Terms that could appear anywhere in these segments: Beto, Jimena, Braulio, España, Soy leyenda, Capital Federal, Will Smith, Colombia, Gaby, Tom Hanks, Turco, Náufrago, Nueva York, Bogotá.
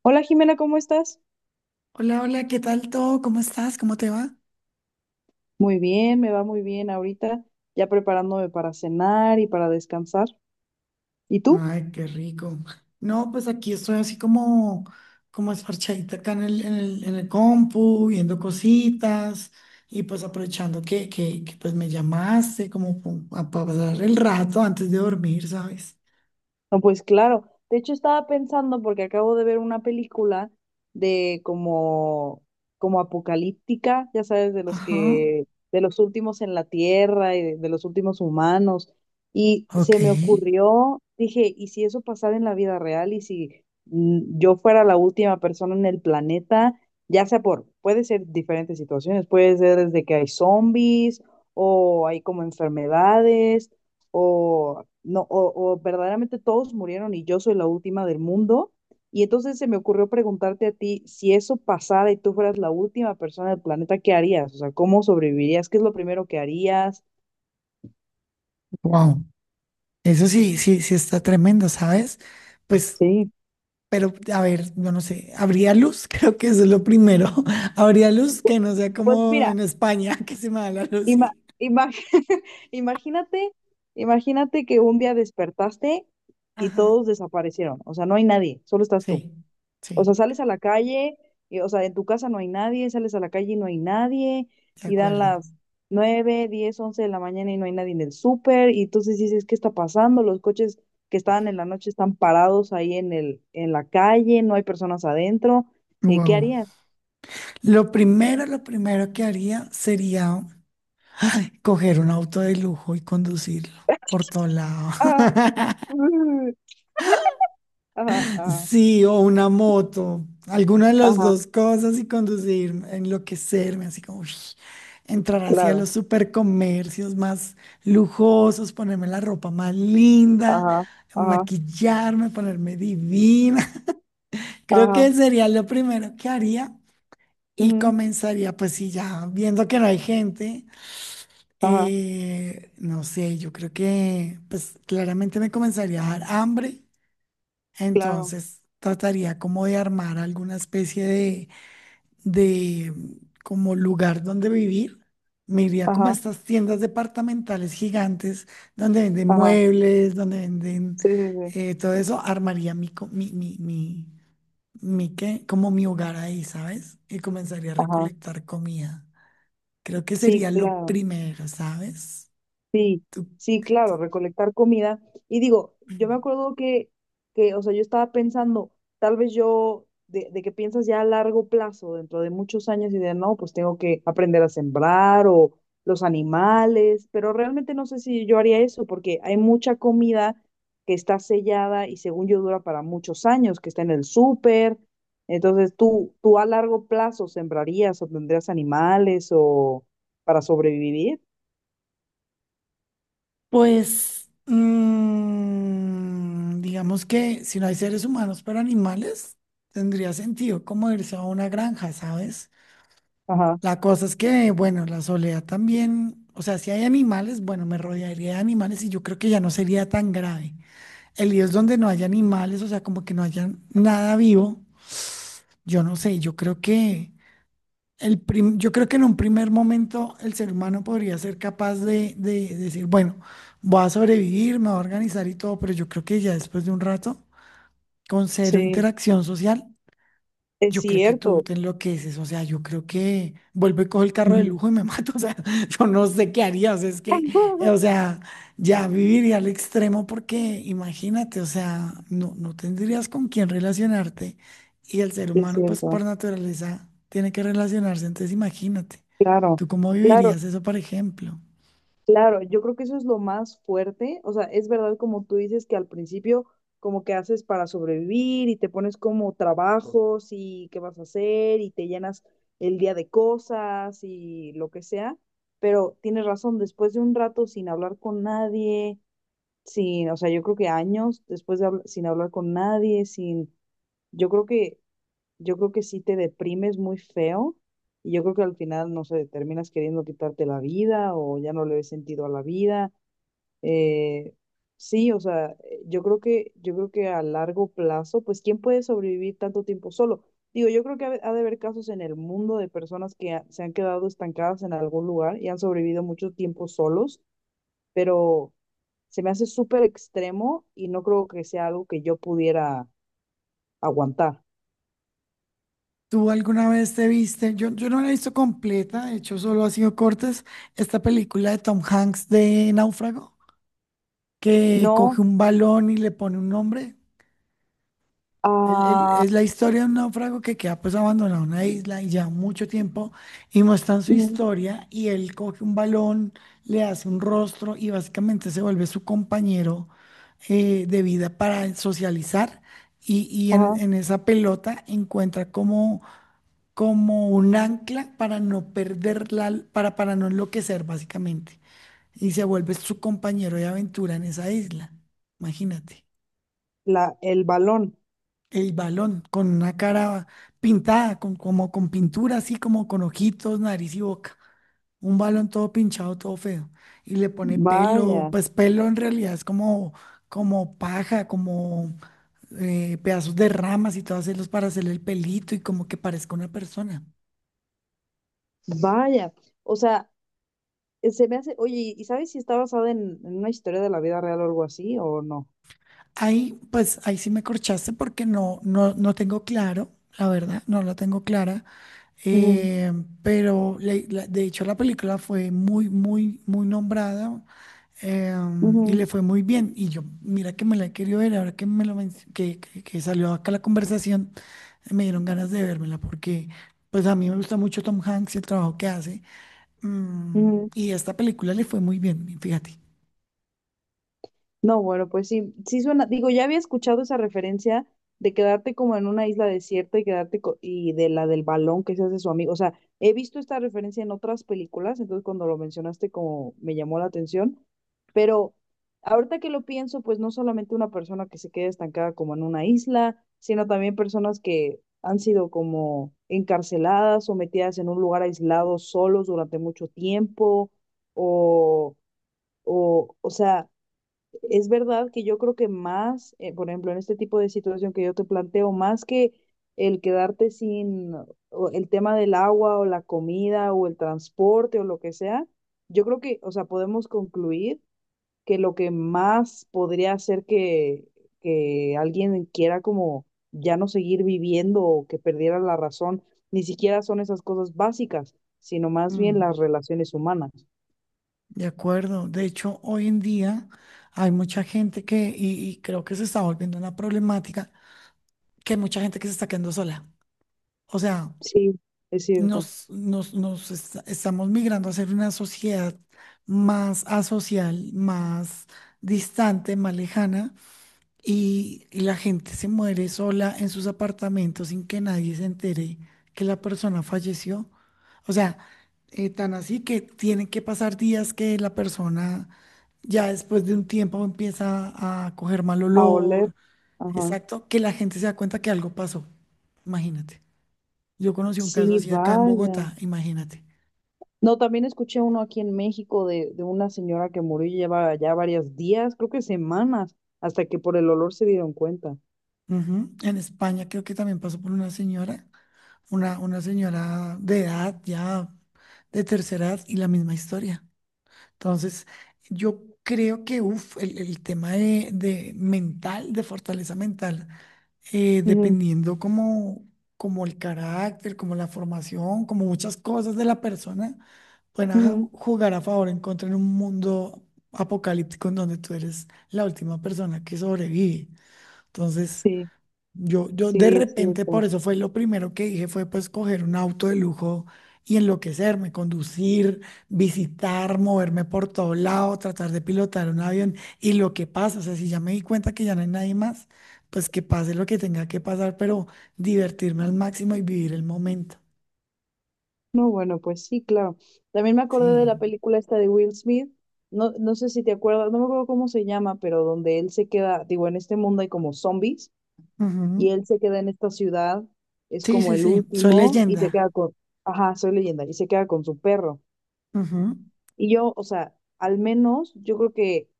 Hola Jimena, ¿cómo estás? Hola, hola, ¿qué tal todo? ¿Cómo estás? ¿Cómo te va? Muy bien, me va muy bien ahorita, ya preparándome para cenar y para descansar. ¿Y tú? Ay, qué rico. No, pues aquí estoy así como, como esparchadita acá en el compu, viendo cositas y pues aprovechando pues me llamaste como para pasar el rato antes de dormir, ¿sabes? No, pues claro. De hecho, estaba pensando, porque acabo de ver una película de como, como apocalíptica, ya sabes, Ajá, de los últimos en la Tierra y de los últimos humanos. Y ok. se me ocurrió, dije, ¿y si eso pasara en la vida real? ¿Y si yo fuera la última persona en el planeta? Puede ser diferentes situaciones, puede ser desde que hay zombies o hay como enfermedades o no, o verdaderamente todos murieron y yo soy la última del mundo. Y entonces se me ocurrió preguntarte a ti, si eso pasara y tú fueras la última persona del planeta, ¿qué harías? O sea, ¿cómo sobrevivirías? ¿Qué es lo primero que harías? Wow, eso sí, sí está tremendo, ¿sabes? Pues Sí. pero, a ver, yo no sé, habría luz, creo que eso es lo primero. Habría luz que no sea Pues como mira, en España, que se me da la luz ima- y... ima- imagínate, imagínate que un día despertaste y Ajá, todos desaparecieron. O sea, no hay nadie, solo estás tú. sí, O sí, sea, sales a la calle, y, o sea, en tu casa no hay nadie, sales a la calle y no hay nadie, de y dan acuerdo. las 9, 10, 11 de la mañana y no hay nadie en el súper, y entonces dices, ¿qué está pasando? Los coches que estaban en la noche están parados ahí en la calle, no hay personas adentro. ¿Qué Wow. harías? Lo primero que haría sería ay, coger un auto de lujo y conducirlo por todo lado. Ah, mm, ajá, ajá, Sí, o una moto, alguna de las ajá, dos cosas y conducir, enloquecerme, así como uy, entrar hacia claro, los supercomercios más lujosos, ponerme la ropa más linda, ajá, ajá, maquillarme, ponerme divina. Creo ajá, que sería lo primero que haría y ujú, comenzaría, pues sí, ya viendo que no hay gente, ajá, no sé, yo creo que pues claramente me comenzaría a dar hambre. claro, Entonces, trataría como de armar alguna especie de como lugar donde vivir. Me iría como a ajá, estas tiendas departamentales gigantes donde venden ajá, muebles, donde venden sí, sí, sí, todo eso. Armaría mi, co- mi ¿qué? Como mi hogar ahí, ¿sabes? Y comenzaría a ajá, recolectar comida. Creo que sí, sería lo claro. primero, ¿sabes? Sí, ¿Tú? sí, claro, recolectar comida. Y digo, yo me acuerdo o sea, yo estaba pensando, tal vez yo, de que piensas ya a largo plazo, dentro de muchos años, y de no, pues tengo que aprender a sembrar o los animales, pero realmente no sé si yo haría eso, porque hay mucha comida que está sellada y según yo dura para muchos años, que está en el súper. Entonces, ¿tú a largo plazo sembrarías o tendrías animales o para sobrevivir? Pues, digamos que si no hay seres humanos, pero animales, tendría sentido como irse a una granja, ¿sabes? Ajá, La cosa es que, bueno, la soledad también, o sea, si hay animales, bueno, me rodearía de animales y yo creo que ya no sería tan grave. El lío es donde no haya animales, o sea, como que no haya nada vivo, yo no sé, yo creo que... Yo creo que en un primer momento el ser humano podría ser capaz de decir, bueno, voy a sobrevivir, me voy a organizar y todo, pero yo creo que ya después de un rato, con cero sí. interacción social, Es yo creo que tú cierto. te enloqueces, o sea, yo creo que vuelvo y cojo el carro de Ujú. lujo y me mato, o sea, yo no sé qué haría, o sea, es que, o sea, ya viviría al extremo porque imagínate, o sea, no tendrías con quién relacionarte y el ser Es humano, pues cierto. por naturaleza, tiene que relacionarse, entonces imagínate, Claro, ¿tú cómo claro, vivirías eso, por ejemplo? claro. Yo creo que eso es lo más fuerte. O sea, es verdad como tú dices que al principio como que haces para sobrevivir y te pones como trabajos y qué vas a hacer y te llenas el día de cosas y lo que sea. Pero tienes razón, después de un rato sin hablar con nadie, sin, o sea, yo creo que años después de sin hablar con nadie, sin, yo creo que yo creo que sí te deprimes muy feo y yo creo que al final, no sé, terminas queriendo quitarte la vida o ya no le ves sentido a la vida. Eh, sí, o sea, yo creo que a largo plazo, pues, ¿quién puede sobrevivir tanto tiempo solo? Digo, yo creo que de ha de haber casos en el mundo de personas se han quedado estancadas en algún lugar y han sobrevivido mucho tiempo solos, pero se me hace súper extremo y no creo que sea algo que yo pudiera aguantar. ¿Tú alguna vez te viste? Yo no la he visto completa, de hecho solo ha sido cortes, esta película de Tom Hanks de Náufrago. Que No, coge un balón y le pone un nombre. Ah, Es la historia de un náufrago que queda pues abandonado en una isla y ya mucho tiempo y muestran su historia y él coge un balón, le hace un rostro y básicamente se vuelve su compañero de vida para socializar y ajá. en esa pelota encuentra como, como un ancla para no perderla, para no enloquecer básicamente y se vuelve su compañero de aventura en esa isla. Imagínate. El balón. El balón con una cara pintada, con, como con pintura, así como con ojitos, nariz y boca. Un balón todo pinchado, todo feo. Y le pone pelo, Vaya, pues pelo en realidad es como, como paja, como pedazos de ramas y todo hacerlos para hacerle el pelito y como que parezca una persona. vaya. O sea, se me hace, oye, ¿y sabes si está basada en una historia de la vida real o algo así o no? Ahí, pues ahí sí me corchaste porque no, no tengo claro, la verdad, no la tengo clara. Eh, pero de hecho la película fue muy, muy nombrada eh, Ujú, y ujú, le fue muy bien. Y yo, mira que me la he querido ver, ahora que me lo menc- que salió acá la conversación, me dieron ganas de vérmela porque pues a mí me gusta mucho Tom Hanks y el trabajo que hace. Mm, ujú. y esta película le fue muy bien, fíjate. No, bueno, pues sí, sí suena, digo, ya había escuchado esa referencia de quedarte como en una isla desierta y y de la del balón que se hace su amigo, o sea, he visto esta referencia en otras películas, entonces cuando lo mencionaste como me llamó la atención, pero ahorita que lo pienso, pues no solamente una persona que se quede estancada como en una isla, sino también personas que han sido como encarceladas o metidas en un lugar aislado solos durante mucho tiempo o o sea, es verdad que yo creo que más, por ejemplo, en este tipo de situación que yo te planteo, más que el quedarte sin o el tema del agua o la comida o el transporte o lo que sea, yo creo que, o sea, podemos concluir que lo que más podría hacer que alguien quiera como ya no seguir viviendo o que perdiera la razón, ni siquiera son esas cosas básicas, sino más bien Mm. las relaciones humanas. De acuerdo. De hecho, hoy en día hay mucha gente que, y creo que se está volviendo una problemática, que hay mucha gente que se está quedando sola. O sea, Sí, es cierto. Estamos migrando a ser una sociedad más asocial, más distante, más lejana. Y, la gente se muere sola en sus apartamentos sin que nadie se entere que la persona falleció. O sea, tan así que tienen que pasar días que la persona ya después de un tiempo empieza a coger mal A oler, olor. ajá. Exacto, que la gente se da cuenta que algo pasó. Imagínate. Yo conocí un caso Sí, así acá en vaya. Bogotá, imagínate. No, también escuché uno aquí en México de una señora que murió y lleva ya varios días, creo que semanas, hasta que por el olor se dieron cuenta. Ujú. En España creo que también pasó por una señora, una señora de edad ya de tercera edad y la misma historia. Entonces, yo creo que uf, el tema de mental, de fortaleza mental, Ujú, dependiendo como, como el carácter, como la formación, como muchas cosas de la persona, pueden ujú. jugar a favor o en contra en un mundo apocalíptico en donde tú eres la última persona que sobrevive. Entonces, Sí, yo de sí, es repente, por cierto. eso fue lo primero que dije, fue pues coger un auto de lujo y enloquecerme, conducir, visitar, moverme por todo lado, tratar de pilotar un avión y lo que pasa, o sea, si ya me di cuenta que ya no hay nadie más, pues que pase lo que tenga que pasar, pero divertirme al máximo y vivir el momento. No, bueno, pues sí, claro. También me acordé de Sí. la película esta de Will Smith. No, no sé si te acuerdas, no me acuerdo cómo se llama, pero donde él se queda, digo, en este mundo hay como zombies Ujú. y él se queda en esta ciudad, es Sí, como sí, el sí, soy último y se queda leyenda. con, ajá, soy leyenda, y se queda con su perro. Ujú. Y yo, o sea, al menos yo creo que,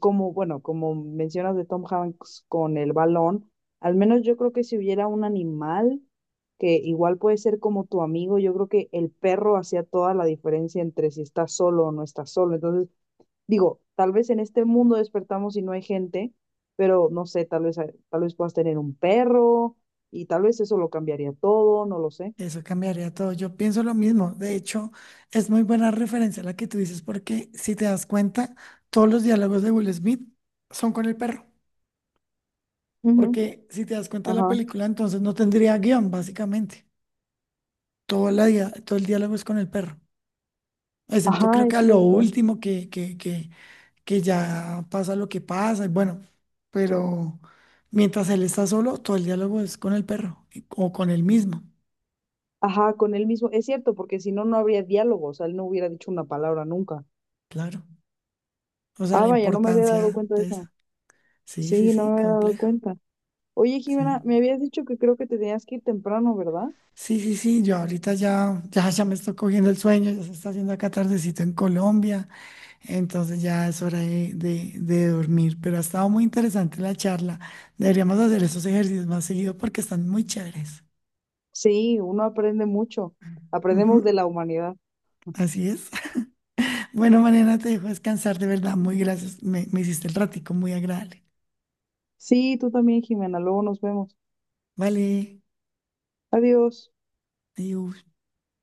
como, bueno, como mencionas de Tom Hanks con el balón, al menos yo creo que si hubiera un animal que igual puede ser como tu amigo, yo creo que el perro hacía toda la diferencia entre si estás solo o no estás solo. Entonces, digo, tal vez en este mundo despertamos y no hay gente, pero no sé, tal vez puedas tener un perro y tal vez eso lo cambiaría todo, no lo sé. Eso cambiaría todo. Yo pienso lo mismo. De hecho, es muy buena referencia la que tú dices, porque si te das cuenta, todos los diálogos de Will Smith son con el perro. Ujú, Porque si te das cuenta de la ajá. película, entonces no tendría guión, básicamente. Todo, todo el diálogo es con el perro. Excepto creo Ajá, que es a lo cierto. último que ya pasa lo que pasa. Y bueno, pero mientras él está solo, todo el diálogo es con el perro y- o con él mismo. Ajá, con él mismo. Es cierto, porque si no, no habría diálogo. O sea, él no hubiera dicho una palabra nunca. Claro. O sea, Ah, la vaya, no me había dado importancia cuenta de de eso. eso. Sí, sí, Sí, no sí, me había dado complejo. cuenta. Oye, Jimena, Sí. me habías dicho que creo que te tenías que ir temprano, ¿verdad? Sí, sí, yo ahorita ya me estoy cogiendo el sueño, ya se está haciendo acá tardecito en Colombia, entonces ya es hora de, de dormir, pero ha estado muy interesante la charla. Deberíamos hacer esos ejercicios más seguido porque están muy chéveres. Sí, uno aprende mucho. Aprendemos Ujú, de la humanidad. así es. Bueno, mañana te dejo descansar, de verdad, muy gracias. Me hiciste el ratico muy agradable. Sí, tú también, Jimena. Luego nos vemos. Vale, Adiós. adiós.